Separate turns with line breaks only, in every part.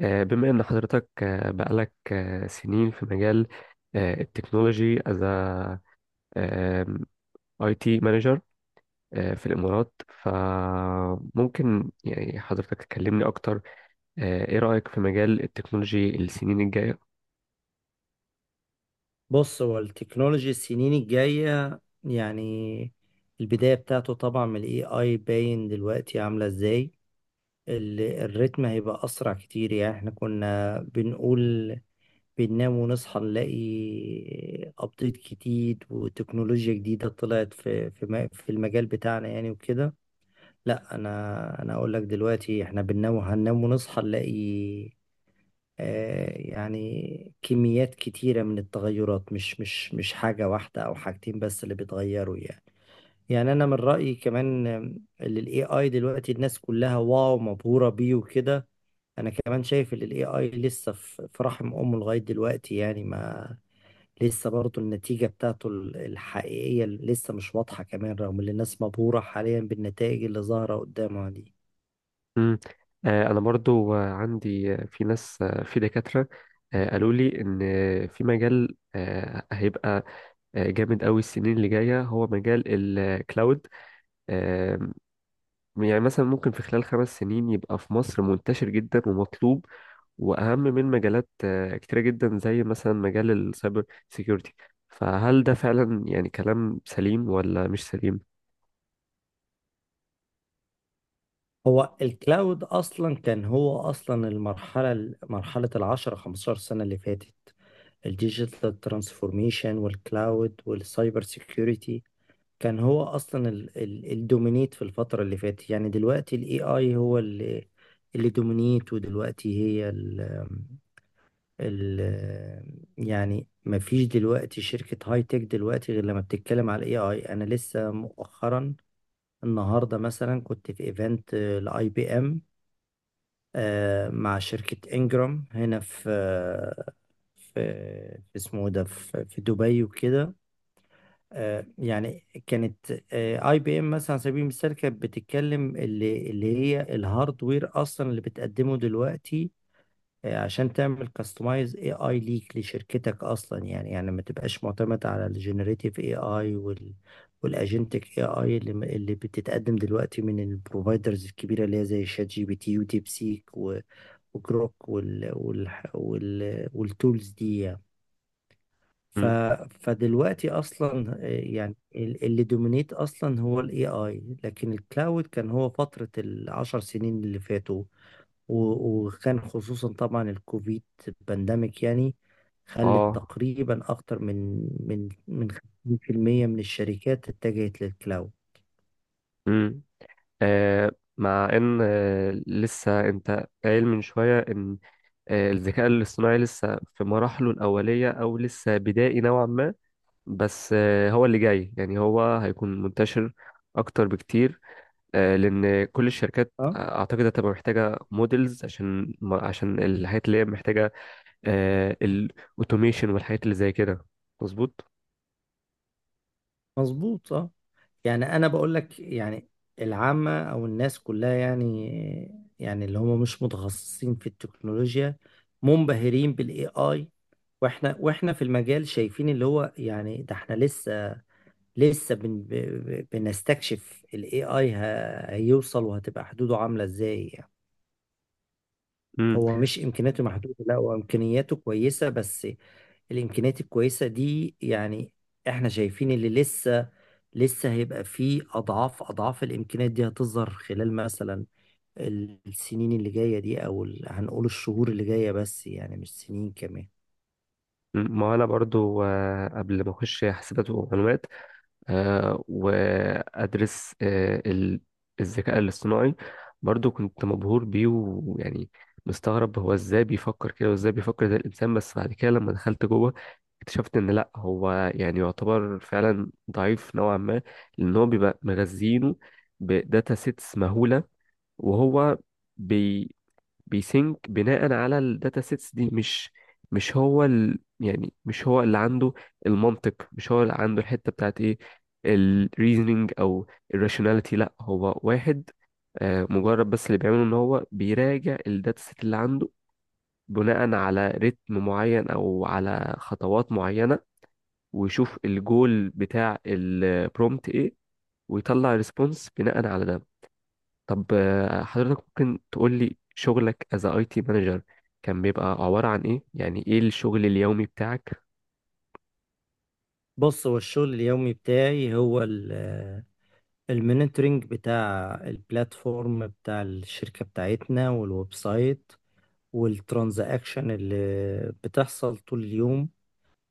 بما إن حضرتك بقالك سنين في مجال التكنولوجي، از اي تي مانجر في الإمارات، فممكن يعني حضرتك تكلمني أكتر. إيه رأيك في مجال التكنولوجي السنين الجاية؟
بص، هو التكنولوجي السنين الجاية يعني البداية بتاعته طبعا من الاي اي باين دلوقتي عاملة ازاي. الريتم هيبقى اسرع كتير. يعني احنا كنا بنقول بننام ونصحى نلاقي ابديت جديد وتكنولوجيا جديدة طلعت في المجال بتاعنا يعني وكده. لا، انا اقول لك دلوقتي احنا بننام، هننام ونصحى نلاقي يعني كميات كتيرة من التغيرات، مش حاجة واحدة أو حاجتين بس اللي بيتغيروا يعني. يعني أنا من رأيي كمان، اللي ال AI دلوقتي الناس كلها واو مبهورة بيه وكده. أنا كمان شايف إن ال AI لسه في رحم أمه لغاية دلوقتي يعني. ما لسه برضه النتيجة بتاعته الحقيقية لسه مش واضحة كمان، رغم إن الناس مبهورة حاليا بالنتائج اللي ظاهرة قدامها دي.
مم. أنا برضو عندي في ناس، في دكاترة قالوا لي إن في مجال هيبقى جامد أوي السنين اللي جاية هو مجال الكلاود. يعني مثلا ممكن في خلال خمس سنين يبقى في مصر منتشر جدا ومطلوب، وأهم من مجالات كتيرة جدا زي مثلا مجال السايبر سيكيورتي. فهل ده فعلا يعني كلام سليم ولا مش سليم؟
هو الكلاود اصلا كان هو اصلا المرحله، مرحله 10 15 سنه اللي فاتت، الديجيتال ترانسفورميشن والكلاود والسايبر سيكيورتي. كان هو اصلا الدومينيت في الفتره اللي فاتت. يعني دلوقتي الاي اي هو اللي دومينيت. ودلوقتي هي ال يعني ما فيش دلوقتي شركه هاي تك دلوقتي غير لما بتتكلم على الاي اي. انا لسه مؤخرا، النهارده مثلا، كنت في ايفنت لاي بي ام، مع شركة انجرام هنا في في اسمه إيه ده، في دبي وكده. يعني كانت اي بي ام مثلا على سبيل المثال كانت بتتكلم اللي هي الهاردوير اصلا اللي بتقدمه دلوقتي، عشان تعمل كاستمايز اي اي ليك لشركتك اصلا. يعني ما تبقاش معتمد على الجنريتيف اي اي والاجنتك اي اي اللي بتتقدم دلوقتي من البروفايدرز الكبيره اللي هي زي شات جي بي تي وديب سيك وجروك والتولز دي يعني. ف
مم.
فدلوقتي اصلا، يعني اللي دومينيت اصلا هو الاي اي. لكن الكلاود كان هو فتره 10 سنين اللي فاتوا، وكان خصوصا طبعا الكوفيد بانديميك يعني، خلت
اه.
تقريبا أكتر من 50% من الشركات اتجهت للكلاود.
مم. آه مع ان لسه انت قايل من شوية ان الذكاء الاصطناعي لسه في مراحله الأولية او لسه بدائي نوعا ما، بس هو اللي جاي، يعني هو هيكون منتشر اكتر بكتير، لان كل الشركات،
اه.
اعتقد هتبقى محتاجه موديلز عشان عشان الحاجات اللي هي محتاجه الاوتوميشن والحاجات اللي زي كده. مظبوط.
مظبوط، اه. يعني أنا بقول لك يعني العامة أو الناس كلها يعني، يعني اللي هم مش متخصصين في التكنولوجيا، منبهرين بالاي اي. واحنا في المجال شايفين اللي هو يعني، ده احنا لسه لسه بنستكشف ال AI هيوصل وهتبقى حدوده عاملة ازاي يعني.
امم.
هو مش امكانياته محدودة، لا، هو امكانياته كويسة. بس الامكانيات الكويسة دي يعني احنا شايفين اللي لسه هيبقى فيه اضعاف اضعاف الامكانيات دي هتظهر خلال مثلا السنين اللي جاية دي، او هنقول الشهور اللي جاية بس يعني مش سنين كمان.
ما انا برضو قبل ما اخش حاسبات ومعلومات وأدرس الذكاء الاصطناعي، برضو كنت مبهور بيه، ويعني مستغرب هو ازاي بيفكر كده وازاي بيفكر زي الإنسان. بس بعد كده لما دخلت جوه اكتشفت ان لا، هو يعني يعتبر فعلا ضعيف نوعا ما، لان هو بيبقى مغذينه بداتا سيتس مهولة، وهو بي بيسينك بناء على الداتا سيتس دي. مش هو ال، يعني مش هو اللي عنده المنطق، مش هو اللي عنده الحتة بتاعت ايه، الريزنينج او الراشوناليتي. لا، هو واحد مجرد، بس اللي بيعمله ان هو بيراجع الداتا سيت اللي عنده بناء على رتم معين او على خطوات معينة، ويشوف الجول بتاع البرومت ايه، ويطلع ريسبونس بناء على ده. طب حضرتك ممكن تقول لي شغلك از اي تي مانجر كان بيبقى عبارة عن ايه؟ يعني ايه الشغل اليومي بتاعك؟
بص، هو الشغل اليومي بتاعي هو المونيتورنج بتاع البلاتفورم بتاع الشركة بتاعتنا والويب سايت والترانزاكشن اللي بتحصل طول اليوم،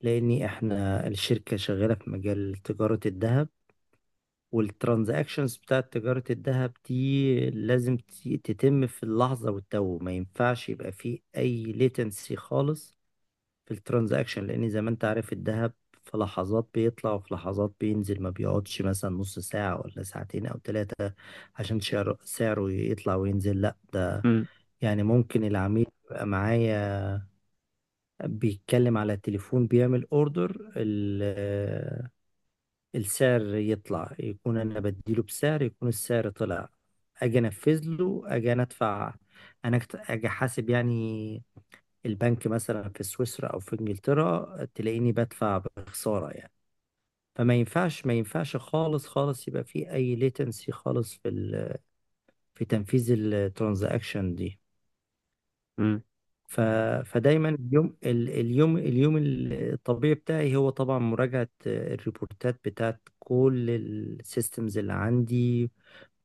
لأن احنا الشركة شغالة في مجال تجارة الذهب، والترانزاكشنز بتاعة تجارة الذهب دي لازم تتم في اللحظة والتو. ما ينفعش يبقى فيه أي ليتنسي خالص في الترانزاكشن، لان زي ما انت عارف الذهب في لحظات بيطلع وفي لحظات بينزل، ما بيقعدش مثلا نص ساعة ولا ساعتين او ثلاثة عشان سعره يطلع وينزل، لا، ده
امم.
يعني ممكن العميل يبقى معايا بيتكلم على التليفون بيعمل اوردر، السعر يطلع، يكون انا بديله بسعر يكون السعر طلع، اجي انفذ له، اجي انا ادفع، اجي احاسب يعني، البنك مثلا في سويسرا او في انجلترا تلاقيني بدفع بخسارة يعني. فما ينفعش ما ينفعش خالص خالص يبقى في اي ليتنسي خالص في تنفيذ الترانزاكشن دي.
امم.
ف... فدايما اليوم، اليوم الطبيعي بتاعي هو طبعا مراجعة الريبورتات بتاعت كل السيستمز اللي عندي،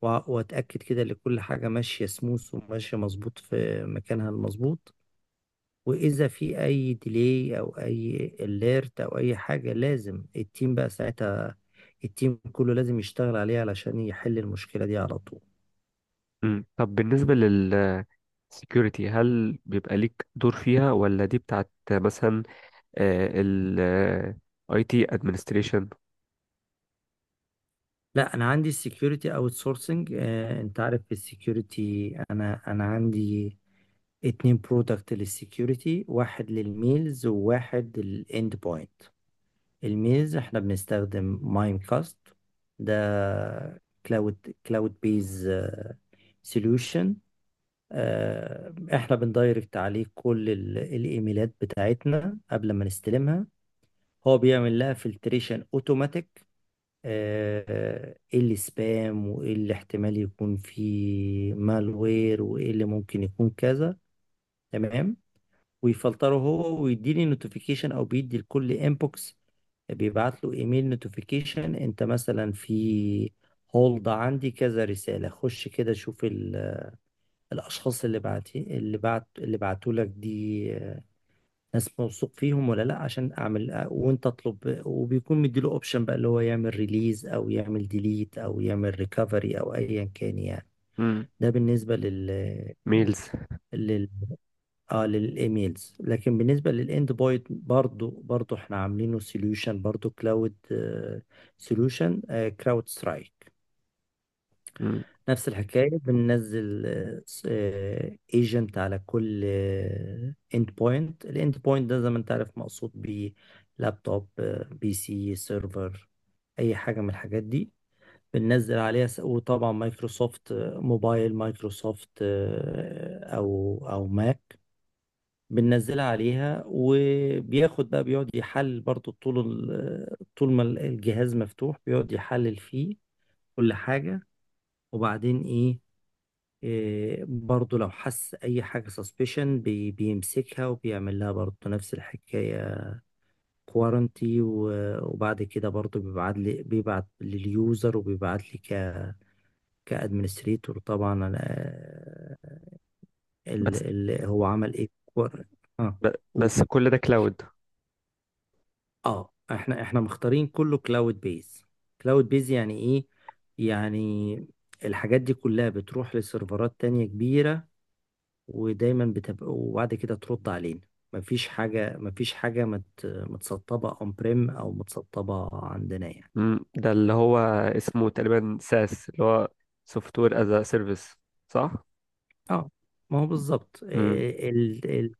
واتاكد كده ان كل حاجه ماشيه سموث وماشيه مظبوط في مكانها المظبوط. واذا في اي ديلي او اي اليرت او اي حاجه، لازم التيم بقى ساعتها، التيم كله لازم يشتغل عليه علشان يحل المشكله دي على طول.
امم. طب بالنسبة لل security، هل بيبقى ليك دور فيها ولا دي بتاعت مثلا آه، ال آه، IT administration؟
لا، انا عندي السكيورتي اوت سورسنج. انت عارف في السكيورتي، انا عندي 2 برودكت للسكيورتي، واحد للميلز وواحد للاند بوينت. الميلز احنا بنستخدم مايم كاست. ده كلاود بيز سوليوشن. احنا بندايركت عليه كل الايميلات بتاعتنا قبل ما نستلمها. هو بيعمل لها فلتريشن اوتوماتيك، ايه اللي سبام، وايه اللي احتمال يكون فيه مالوير، وايه اللي ممكن يكون كذا. تمام. ويفلتره هو، ويديني نوتيفيكيشن، او بيدي لكل انبوكس بيبعت له ايميل نوتيفيكيشن، انت مثلا في هولد عندي كذا رسالة، خش كده شوف الاشخاص اللي بعتوا لك دي، آه، ناس موثوق فيهم ولا لا، عشان اعمل، وانت اطلب. وبيكون مديله اوبشن بقى اللي هو يعمل ريليز او يعمل ديليت او يعمل ريكفري او ايا كان يعني.
امم.
ده بالنسبه لل
ميلز.
لل اه للايميلز. لكن بالنسبه للاند بوينت، برضو احنا عاملينه سوليوشن برضو، كلاود سوليوشن، كراود سترايك.
امم.
نفس الحكاية، بننزل ايجنت على كل اند بوينت. الاند بوينت ده زي ما انت عارف مقصود بيه لابتوب، بي سي، سيرفر، اي حاجة من الحاجات دي، بننزل عليها. وطبعا مايكروسوفت، موبايل مايكروسوفت، او ماك، بننزلها عليها وبياخد بقى، بيقعد يحلل برضو طول طول ما الجهاز مفتوح بيقعد يحلل فيه كل حاجة. وبعدين، إيه، إيه، برضو لو حس اي حاجة سسبشن، بيمسكها وبيعمل لها برضو نفس الحكاية، كوارنتي. وبعد كده برضو بيبعت لي، بيبعت لليوزر، وبيبعت لي كادمنستريتور طبعا. أنا، ال
بس
ال هو عمل ايه اه. قول.
بس كل ده كلاود؟
اه، احنا مختارين كله كلاود بيز. كلاود بيز يعني ايه؟ يعني الحاجات دي كلها بتروح لسيرفرات تانية كبيرة، ودايما بتبقوا، وبعد كده ترد علينا. مفيش حاجة، مفيش حاجة متسطبة اون بريم او متسطبة عندنا يعني.
امم. ده اللي هو اسمه تقريبا ساس، اللي هو سوفت وير از سيرفيس، صح؟
اه. ما هو بالظبط،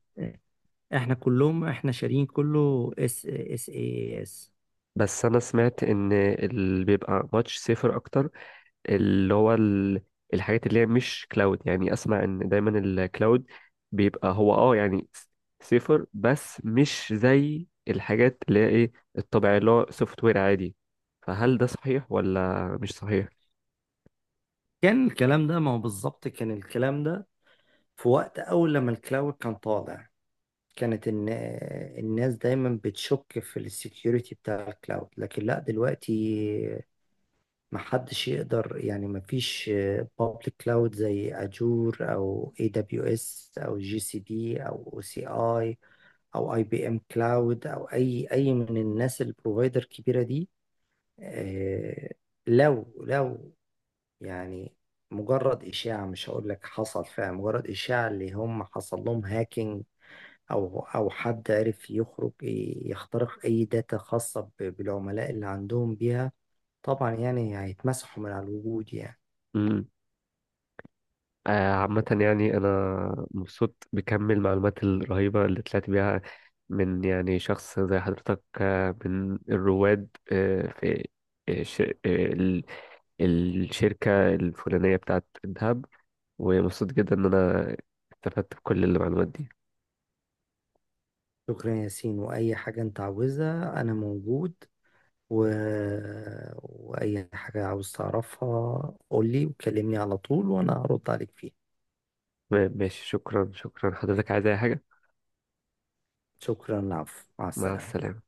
احنا كلهم، احنا شارين كله اس اس اي اس.
بس انا سمعت ان اللي بيبقى ماتش سيفر اكتر اللي هو الحاجات اللي هي مش كلاود، يعني اسمع ان دايما الكلاود بيبقى هو اه يعني سيفر، بس مش زي الحاجات اللي هي ايه الطبيعي اللي هو سوفت وير عادي. فهل ده صحيح ولا مش صحيح؟
كان الكلام ده، ما هو بالظبط كان الكلام ده في وقت اول لما الكلاود كان طالع، كانت ان الناس دايما بتشك في السكيورتي بتاع الكلاود. لكن لا، دلوقتي ما حدش يقدر يعني، ما فيش بابليك كلاود زي اجور او اي دبليو اس او جي سي بي او سي اي او اي بي ام كلاود او اي من الناس البروفايدر الكبيره دي. آه، لو يعني مجرد اشاعه، مش هقول لك حصل فعلا، مجرد اشاعه اللي هم حصل لهم هاكينج او حد عرف يخترق اي داتا خاصه بالعملاء اللي عندهم بيها، طبعا يعني هيتمسحوا من على الوجود يعني.
عامة يعني أنا مبسوط بكم المعلومات الرهيبة اللي طلعت بيها من يعني شخص زي حضرتك، من الرواد في آه، ش- آه، ال- الشركة الفلانية بتاعت الذهب، ومبسوط جدا إن أنا استفدت بكل المعلومات دي.
شكرا يا ياسين، وأي حاجة أنت عاوزها أنا موجود. و... وأي حاجة عاوز تعرفها قولي، وكلمني على طول، وأنا هرد عليك فيها.
تمام، ماشي، شكرا، شكرا. حضرتك عايز أي حاجة؟
شكرا، العفو، مع
مع
السلامة.
السلامة.